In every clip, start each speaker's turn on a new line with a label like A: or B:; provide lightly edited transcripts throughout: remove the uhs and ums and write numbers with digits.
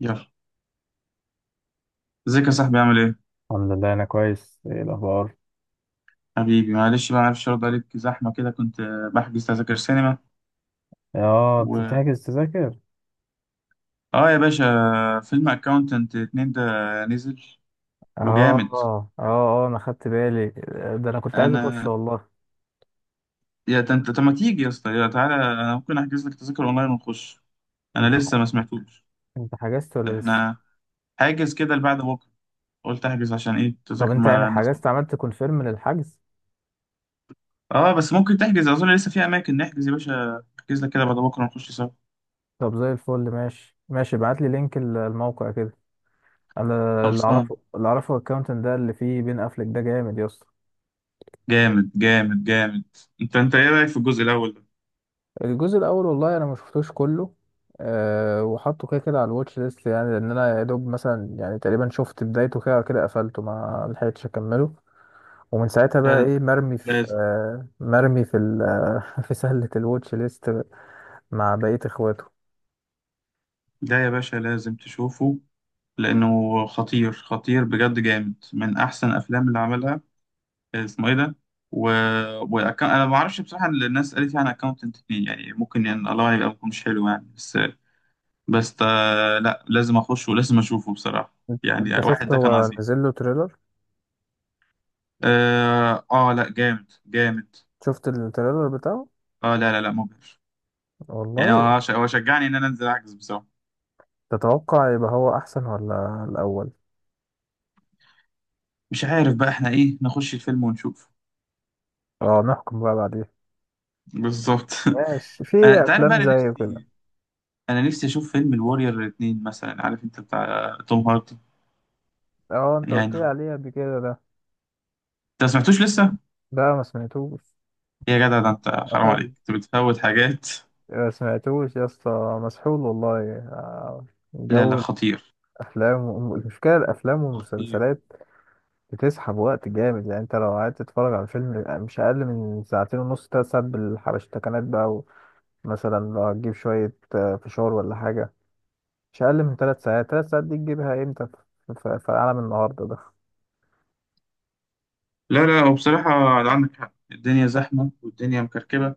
A: يلا. ازيك يا صاحبي؟ عامل ايه؟
B: الحمد لله، انا كويس. ايه الاخبار؟
A: حبيبي معلش بقى، معرفش ارد عليك، زحمه كده، كنت بحجز تذاكر سينما.
B: اه، انت
A: و
B: بتحجز تذاكر؟
A: اه يا باشا، فيلم اكاونتنت اتنين ده نزل
B: اه،
A: وجامد.
B: اه، اه، انا خدت بالي. ده انا كنت عايز اخش
A: انا،
B: والله.
A: انت طب ما تيجي يا اسطى، يا تعالى، انا ممكن احجز لك تذاكر اونلاين ونخش. انا
B: انت ح...
A: لسه ما سمعتوش.
B: انت حجزت ولا لسه؟
A: احنا حاجز كده لبعد بكره، قلت احجز عشان ايه
B: طب
A: تذاكر،
B: انت يعني
A: ما الناس ما.
B: حجزت، عملت كونفيرم للحجز؟
A: اه بس ممكن تحجز، اظن لسه في اماكن. نحجز يا باشا، احجز لك كده بعد بكره ونخش سوا.
B: طب زي الفل. ماشي، ماشي، ابعت لي لينك الموقع كده. انا اللي
A: خلصان،
B: اعرفه اللي اعرفه الاكونت ده اللي فيه بين افلك، ده جامد يا اسطى.
A: جامد جامد جامد. انت ايه رايك في الجزء الاول؟
B: الجزء الاول والله انا ما شفتوش كله. أه، وحطه كده كده على الواتش ليست يعني، لان انا يا دوب مثلا يعني تقريبا شفت بدايته كده كده، قفلته ما لحقتش اكمله. ومن ساعتها
A: لا
B: بقى
A: لا
B: ايه، مرمي في
A: لازم.
B: في سلة الواتش ليست مع بقية اخواته.
A: ده يا باشا لازم تشوفه، لأنه خطير خطير بجد، جامد من أحسن الأفلام اللي عملها. اسمه إيه ده؟ و... أنا ما أعرفش بصراحة، اللي الناس قالت يعني أكاونتنت اتنين يعني ممكن، يعني الله، يبقى ممكن مش حلو يعني. بس بس لا لازم أخش ولازم أشوفه بصراحة.
B: انت
A: يعني
B: أنت
A: واحد
B: شفت
A: ده كان
B: هو
A: عظيم.
B: نزل له تريلر؟
A: لا جامد جامد.
B: شفت التريلر بتاعه
A: آه لا لا لا، مبهر. يعني
B: والله؟
A: هو شجعني إن أنا أنزل أعكس بصراحة.
B: تتوقع يبقى هو احسن ولا الاول؟
A: مش عارف بقى، إحنا إيه، نخش الفيلم ونشوف.
B: اه، نحكم بقى بعدين.
A: بالظبط.
B: ماشي. في
A: انا، انت عارف بقى
B: افلام
A: انا
B: زي كده.
A: نفسي، انا نفسي اشوف فيلم الوارير الاثنين مثلا، عارف انت، بتاع توم هاردي.
B: اه، انت
A: يعني
B: قلت لي
A: انت
B: عليه قبل كده، ده.
A: ما سمعتوش لسه؟
B: ده ما سمعتوش.
A: يا جدع ده انت
B: اه
A: حرام
B: والله.
A: عليك، انت بتفوت حاجات.
B: ما سمعتوش يا اسطى. مسحول والله،
A: لا لا
B: جو
A: خطير،
B: الافلام، المشكله، الافلام
A: خطير.
B: والمسلسلات بتسحب وقت جامد يعني. انت لو قعدت تتفرج على فيلم مش اقل من ساعتين ونص، تلات ساعات بالحبشتكنات بقى. ومثلا لو هتجيب شوية فشار ولا حاجة مش اقل من تلات ساعات. تلات ساعات دي تجيبها امتى في عالم النهاردة ده؟
A: لا لا وبصراحة عندك حق، الدنيا زحمة والدنيا مكركبة.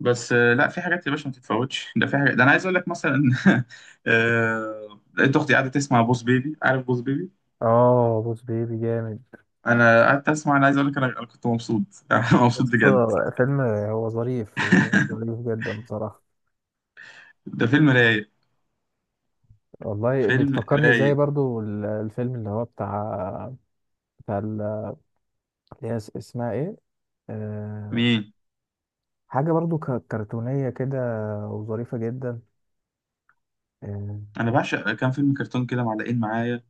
A: بس لا في حاجات يا باشا ما تتفوتش، ده في حاجات، ده انا عايز اقول لك مثلا. لقيت اختي قاعدة تسمع بوس بيبي، عارف بوس بيبي؟
B: اه، بوس بيبي جامد.
A: انا قعدت اسمع، انا عايز اقول لك، انا كنت مبسوط. أنا مبسوط
B: بس
A: بجد.
B: فيلم هو ظريف، ظريف جدا بصراحة.
A: ده فيلم رايق.
B: والله
A: فيلم
B: بتفكرني زي
A: رايق.
B: برضو الفيلم اللي هو بتاع، بتاع ال- اللي هي اسمها ايه؟ آه...
A: مين؟
B: حاجة برضو كرتونية كده، وظريفة جدا. آه،
A: انا بعشق كام فيلم كرتون كده معلقين معايا،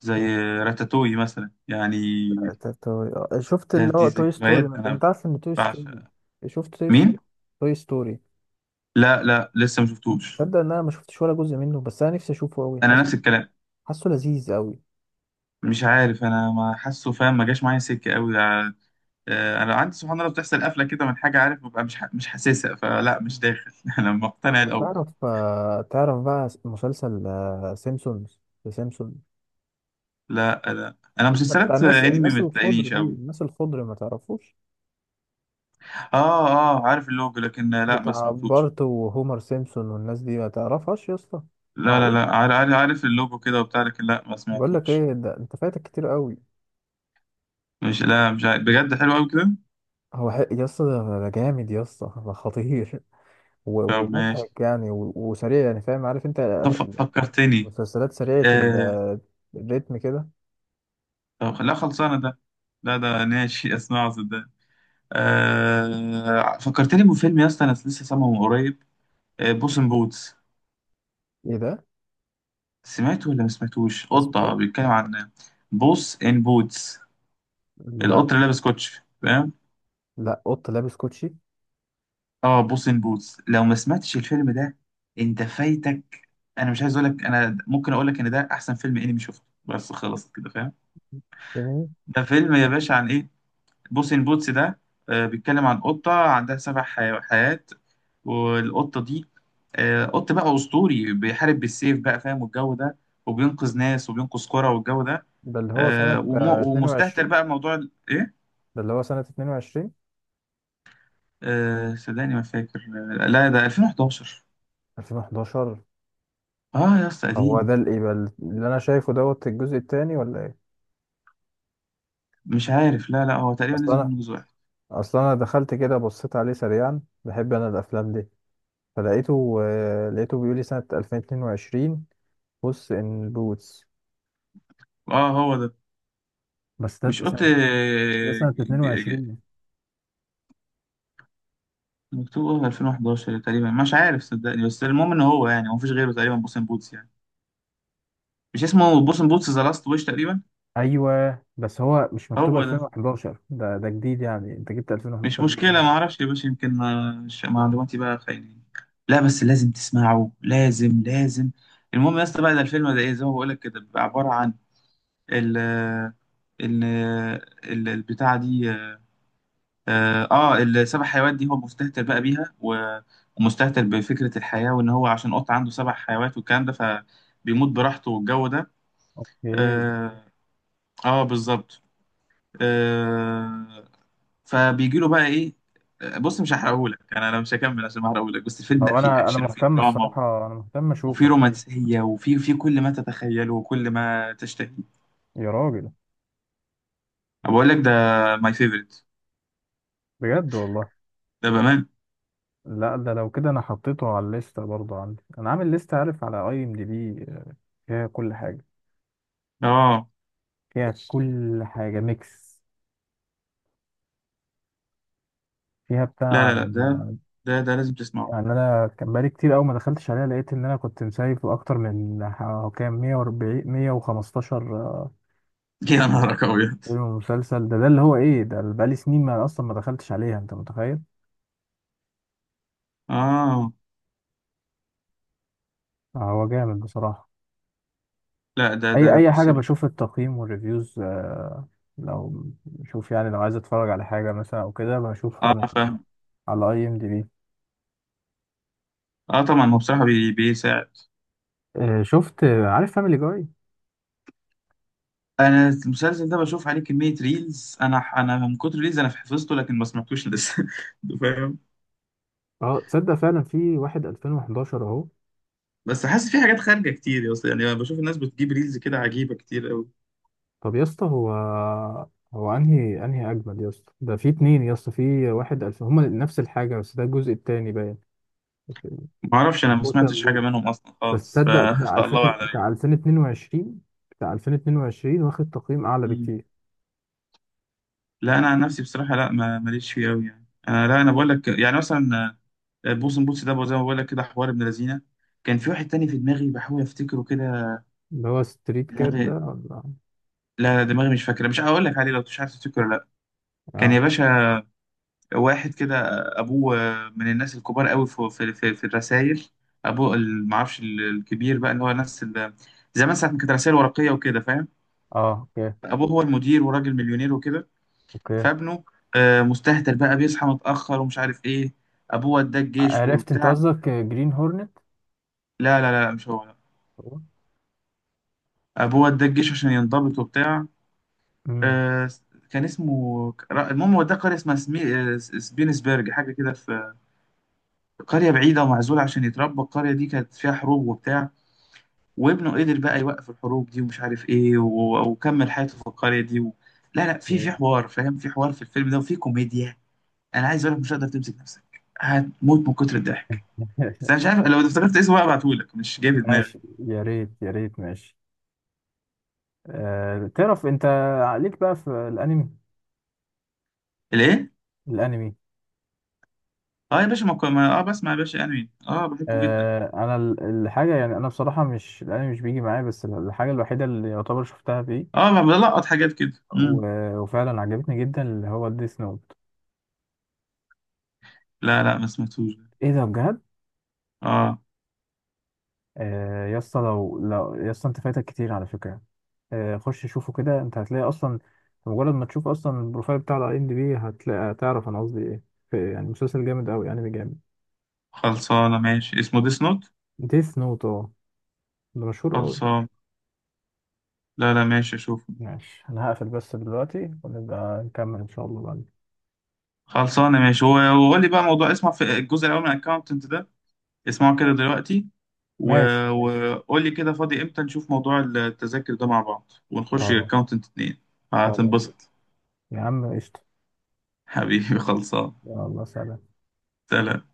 A: زي راتاتوي مثلا يعني.
B: شفت
A: ده
B: اللي
A: دي
B: هو توي ستوري
A: ذكريات،
B: مثلا؟
A: انا
B: انت عارف ان توي ستوري،
A: بعشق.
B: شفت توي ستوري؟
A: مين؟
B: توي ستوري،
A: لا لا لسه ما شفتوش.
B: تصدق ان انا ما شفتش ولا جزء منه؟ بس انا نفسي اشوفه قوي،
A: انا نفس
B: حاسه،
A: الكلام.
B: حاسه لذيذ قوي.
A: مش عارف، انا ما حاسه، فاهم؟ ما جاش معايا سكه قوي. انا عندي سبحان الله بتحصل قفله كده من حاجه، عارف؟ ببقى مش حاسسها، فلا مش داخل. انا مقتنع
B: طب
A: الاول.
B: تعرف تعرف بقى مسلسل سيمسونز، ذا سيمسونز؟
A: لا لا، انا
B: بتاع
A: مسلسلات
B: الناس
A: انمي
B: الناس
A: ما
B: الخضر
A: تلاقينيش
B: دي،
A: قوي.
B: الناس الخضر، ما تعرفوش؟
A: اه اه، عارف اللوجو لكن لا ما
B: بتاع
A: سمعتوش.
B: بارت وهومر سيمسون والناس دي، ما تعرفهاش يا اسطى؟
A: لا لا
B: معقول؟
A: لا، عارف اللوجو كده وبتاع، لكن لا ما
B: بقول لك
A: سمعتوش.
B: ايه، ده انت فايتك كتير قوي.
A: مش، لا مش عارف. بجد حلو قوي كده؟
B: هو حق يا اسطى، ده جامد يا اسطى، ده خطير.
A: طب ماشي.
B: ومضحك يعني، وسريع يعني، فاهم، عارف انت،
A: طب فكرتني.
B: مسلسلات سريعة
A: آه...
B: الريتم كده.
A: طب لا خلصانه ده. لا ده ماشي. اسمعه صدقني. آه... فكرتني بفيلم يا اسطى، انا لسه سامعه من قريب، آه... بوس ان بوتس.
B: ايه ده؟
A: سمعته ولا ما سمعتوش؟
B: اسمه
A: قطه
B: ايه؟
A: بيتكلم عن، بوس ان بوتس،
B: لا،
A: القط اللي لابس كوتش فاهم؟
B: لا قط لابس كوتشي؟
A: اه بوس ان بوتس، لو ما سمعتش الفيلم ده انت فايتك. انا مش عايز اقول لك، انا ممكن اقول لك ان ده احسن فيلم انمي شفته، بس خلصت كده فاهم.
B: جميل.
A: ده فيلم يا باشا عن ايه، بوس ان بوتس ده؟ بيتكلم عن قطة عندها سبع حيات. والقطة دي قط بقى أسطوري، بيحارب بالسيف بقى فاهم، والجو ده. وبينقذ ناس وبينقذ قرى، والجو ده.
B: ده اللي هو سنة
A: ومستهتر
B: 22؟
A: بقى موضوع ايه.
B: ده اللي هو سنة 22؟
A: صدقني ما فاكر. لا ده 2011.
B: 2011؟
A: اه يا اسطى
B: هو
A: قديم.
B: ده اللي يبقى اللي أنا شايفه دوت الجزء التاني ولا إيه؟
A: مش عارف، لا لا هو تقريبا
B: أصل
A: نزل
B: أنا
A: منه جزء واحد.
B: أصل أنا دخلت كده، بصيت عليه سريعا، بحب أنا الأفلام دي. فلقيته آه، لقيته بيقول لي سنة 2022، بص إن بوتس.
A: اه هو ده.
B: بس
A: مش
B: ده
A: قط
B: سنة ده سنة
A: ج- ج-
B: 22.
A: مكتوب آه 2011 تقريبا، مش عارف صدقني، بس المهم ان هو يعني، هو مفيش غيره تقريبا بوسين بوتس يعني. مش اسمه بوسن بوتس ذا لاست ويش تقريبا؟
B: ايوه، بس هو مش مكتوب
A: هو ده.
B: 2011. ده جديد يعني، انت جبت
A: مش
B: 2011 دي
A: مشكلة، ما
B: منين؟
A: اعرفش يا باشا، يمكن معلوماتي بقى خاينين. لا بس لازم تسمعه، لازم لازم. المهم يا اسطى بقى، ده الفيلم ده، ايه زي ما بقول لك كده، بيبقى عبارة عن ال ال ال البتاعة دي، اه السبع حيوانات دي هو مستهتر بقى بيها، ومستهتر بفكرة الحياة، وان هو عشان قط عنده سبع حيوانات والكلام ده، فبيموت براحته والجو ده.
B: اوكي.
A: اه، آه بالظبط. آه، فبيجي له بقى ايه، بص مش هحرقهولك، انا انا مش هكمل عشان ما احرقهولك، بس الفيلم لا،
B: هو
A: فيه
B: انا
A: اكشن وفيه
B: مهتم
A: دراما
B: الصراحة، انا مهتم اشوفه
A: وفيه
B: الحقيقة.
A: رومانسيه وفيه، في كل ما تتخيله وكل ما تشتهي.
B: يا راجل.
A: بقول لك ده ماي فيفورت،
B: بجد والله.
A: ده بامان.
B: لا، ده لو كده انا حطيته على الليستة برضه. عندي انا عامل لستة عارف، على اي ام دي بي، فيها كل حاجة،
A: اه
B: فيها كل حاجة ميكس، فيها بتاع
A: لا لا لا، ده لازم تسمعه.
B: يعني. انا كان بقالي كتير قوي ما دخلتش عليها، لقيت ان انا كنت مسايف اكتر من كام، 140، 115.
A: يا نهارك ابيض.
B: ايوه، المسلسل ده اللي هو ايه، ده اللي بقالي سنين ما اصلا ما دخلتش عليها، انت متخيل.
A: اه
B: هو جامد بصراحة.
A: لا ده،
B: اي اي
A: بص
B: حاجة
A: يا باشا.
B: بشوف التقييم والريفيوز، لو بشوف يعني لو عايز اتفرج على حاجة مثلا او كده، بشوفها
A: اه
B: من
A: فاهم.
B: على اي ام دي بي.
A: اه طبعا هو بصراحه بي بيساعد.
B: شفت، عارف فاميلي جاي؟
A: انا المسلسل ده بشوف عليه كميه ريلز، انا انا من كتر ريلز انا حفظته، لكن ما سمعتوش لسه. فاهم؟
B: اه، تصدق فعلا؟ في واحد 2011 اهو.
A: بس حاسس في حاجات خارجه كتير يا اسطى يعني، أنا بشوف الناس بتجيب ريلز كده عجيبه كتير قوي.
B: طب يا اسطى، هو انهي اجمد يا اسطى؟ ده في اتنين يا اسطى، في واحد 2000، هما نفس الحاجة بس ده الجزء التاني باين.
A: ما اعرفش، انا ما سمعتش
B: بوسن،
A: حاجه منهم اصلا
B: بس
A: خالص،
B: تصدق بتاع 2000
A: فالله اعلم يعني.
B: بتاع 2022 واخد تقييم اعلى
A: مم.
B: بكتير،
A: لا انا عن نفسي بصراحه لا، ما ماليش فيه قوي يعني. انا لا، انا بقول لك يعني مثلا بوسن بوتس ده زي ما بقول لك كده حوار ابن لذينه. كان في واحد تاني في دماغي بحاول افتكره كده،
B: اللي هو ستريت كات،
A: دماغي،
B: ده؟ ولا؟
A: لا دماغي مش فاكره، مش هقول لك عليه، لو مش عارف تفتكره لا. كان يا
B: اه،
A: باشا واحد كده، ابوه من الناس الكبار قوي في الرسائل. ابوه معرفش الكبير بقى، اللي هو ناس زمان، ساعة ما كانت رسائل ورقية وكده فاهم.
B: اه، اوكي،
A: ابوه هو المدير وراجل مليونير وكده.
B: اوكي،
A: فابنه مستهتر بقى، بيصحى متأخر ومش عارف ايه. ابوه وداه الجيش
B: عرفت انت
A: وبتاع.
B: قصدك جرين هورنت.
A: لا لا لا، مش هو لا. ابوه وداه الجيش عشان ينضبط وبتاع.
B: امم
A: آه، كان اسمه المهم، وداه قرية اسمها سمي... آه، سبينسبرج حاجة كده، في قرية بعيدة ومعزولة عشان يتربى. القرية دي كانت فيها حروب وبتاع، وابنه قدر بقى يوقف الحروب دي ومش عارف ايه، وكمل حياته في القرية دي و... لا لا، في في حوار فاهم، في حوار في الفيلم ده وفي كوميديا. انا عايز اقول لك مش هتقدر تمسك نفسك، هتموت من كتر الضحك. بس انا مش عارف، لو افتكرت اسمه بقى ابعتهولك، مش جاي في دماغي.
B: ماشي، يا ريت يا ريت، ماشي. أه، تعرف انت؟ عليك بقى في الانمي،
A: الايه؟
B: الانمي.
A: اه يا باشا، ما... كو- ما... اه بسمع يا باشا انمي، اه بحبه جدا.
B: أه، انا الحاجه يعني، انا بصراحه مش الانمي مش بيجي معايا، بس الحاجه الوحيده اللي يعتبر شفتها فيه
A: اه بلقط حاجات كده. امم،
B: وفعلا عجبتني جدا، اللي هو ديث نوت.
A: لا لا ما سمعتوش ده.
B: ايه ده؟ بجد؟
A: اه
B: آه، يا اسطى، لو يا اسطى، انت فايتك كتير على فكره. آه، خش شوفه كده، انت هتلاقي اصلا، مجرد ما تشوف اصلا البروفايل بتاع الاي ام دي بي، هتلاقي، تعرف انا قصدي ايه. في يعني مسلسل جامد قوي، انمي جامد.
A: خلصانه ماشي، اسمه ديس نوت.
B: ديث نوت، اه، ده مشهور قوي.
A: خلصان. لا لا ماشي اشوفه.
B: ماشي، انا هقفل بس دلوقتي ونبقى نكمل ان شاء الله بعدين.
A: خلصانه ماشي. هو وقول لي بقى موضوع اسمه في الجزء الاول من الاكونت، اسمعوا كده دلوقتي و...
B: ماشي، ماشي.
A: وقول لي كده فاضي امتى، نشوف موضوع التذاكر ده مع بعض ونخش
B: خلاص،
A: اكونت اتنين.
B: خلاص.
A: هتنبسط.
B: يا عم قشطه.
A: حبيبي خلصان.
B: يلا، سلام.
A: سلام.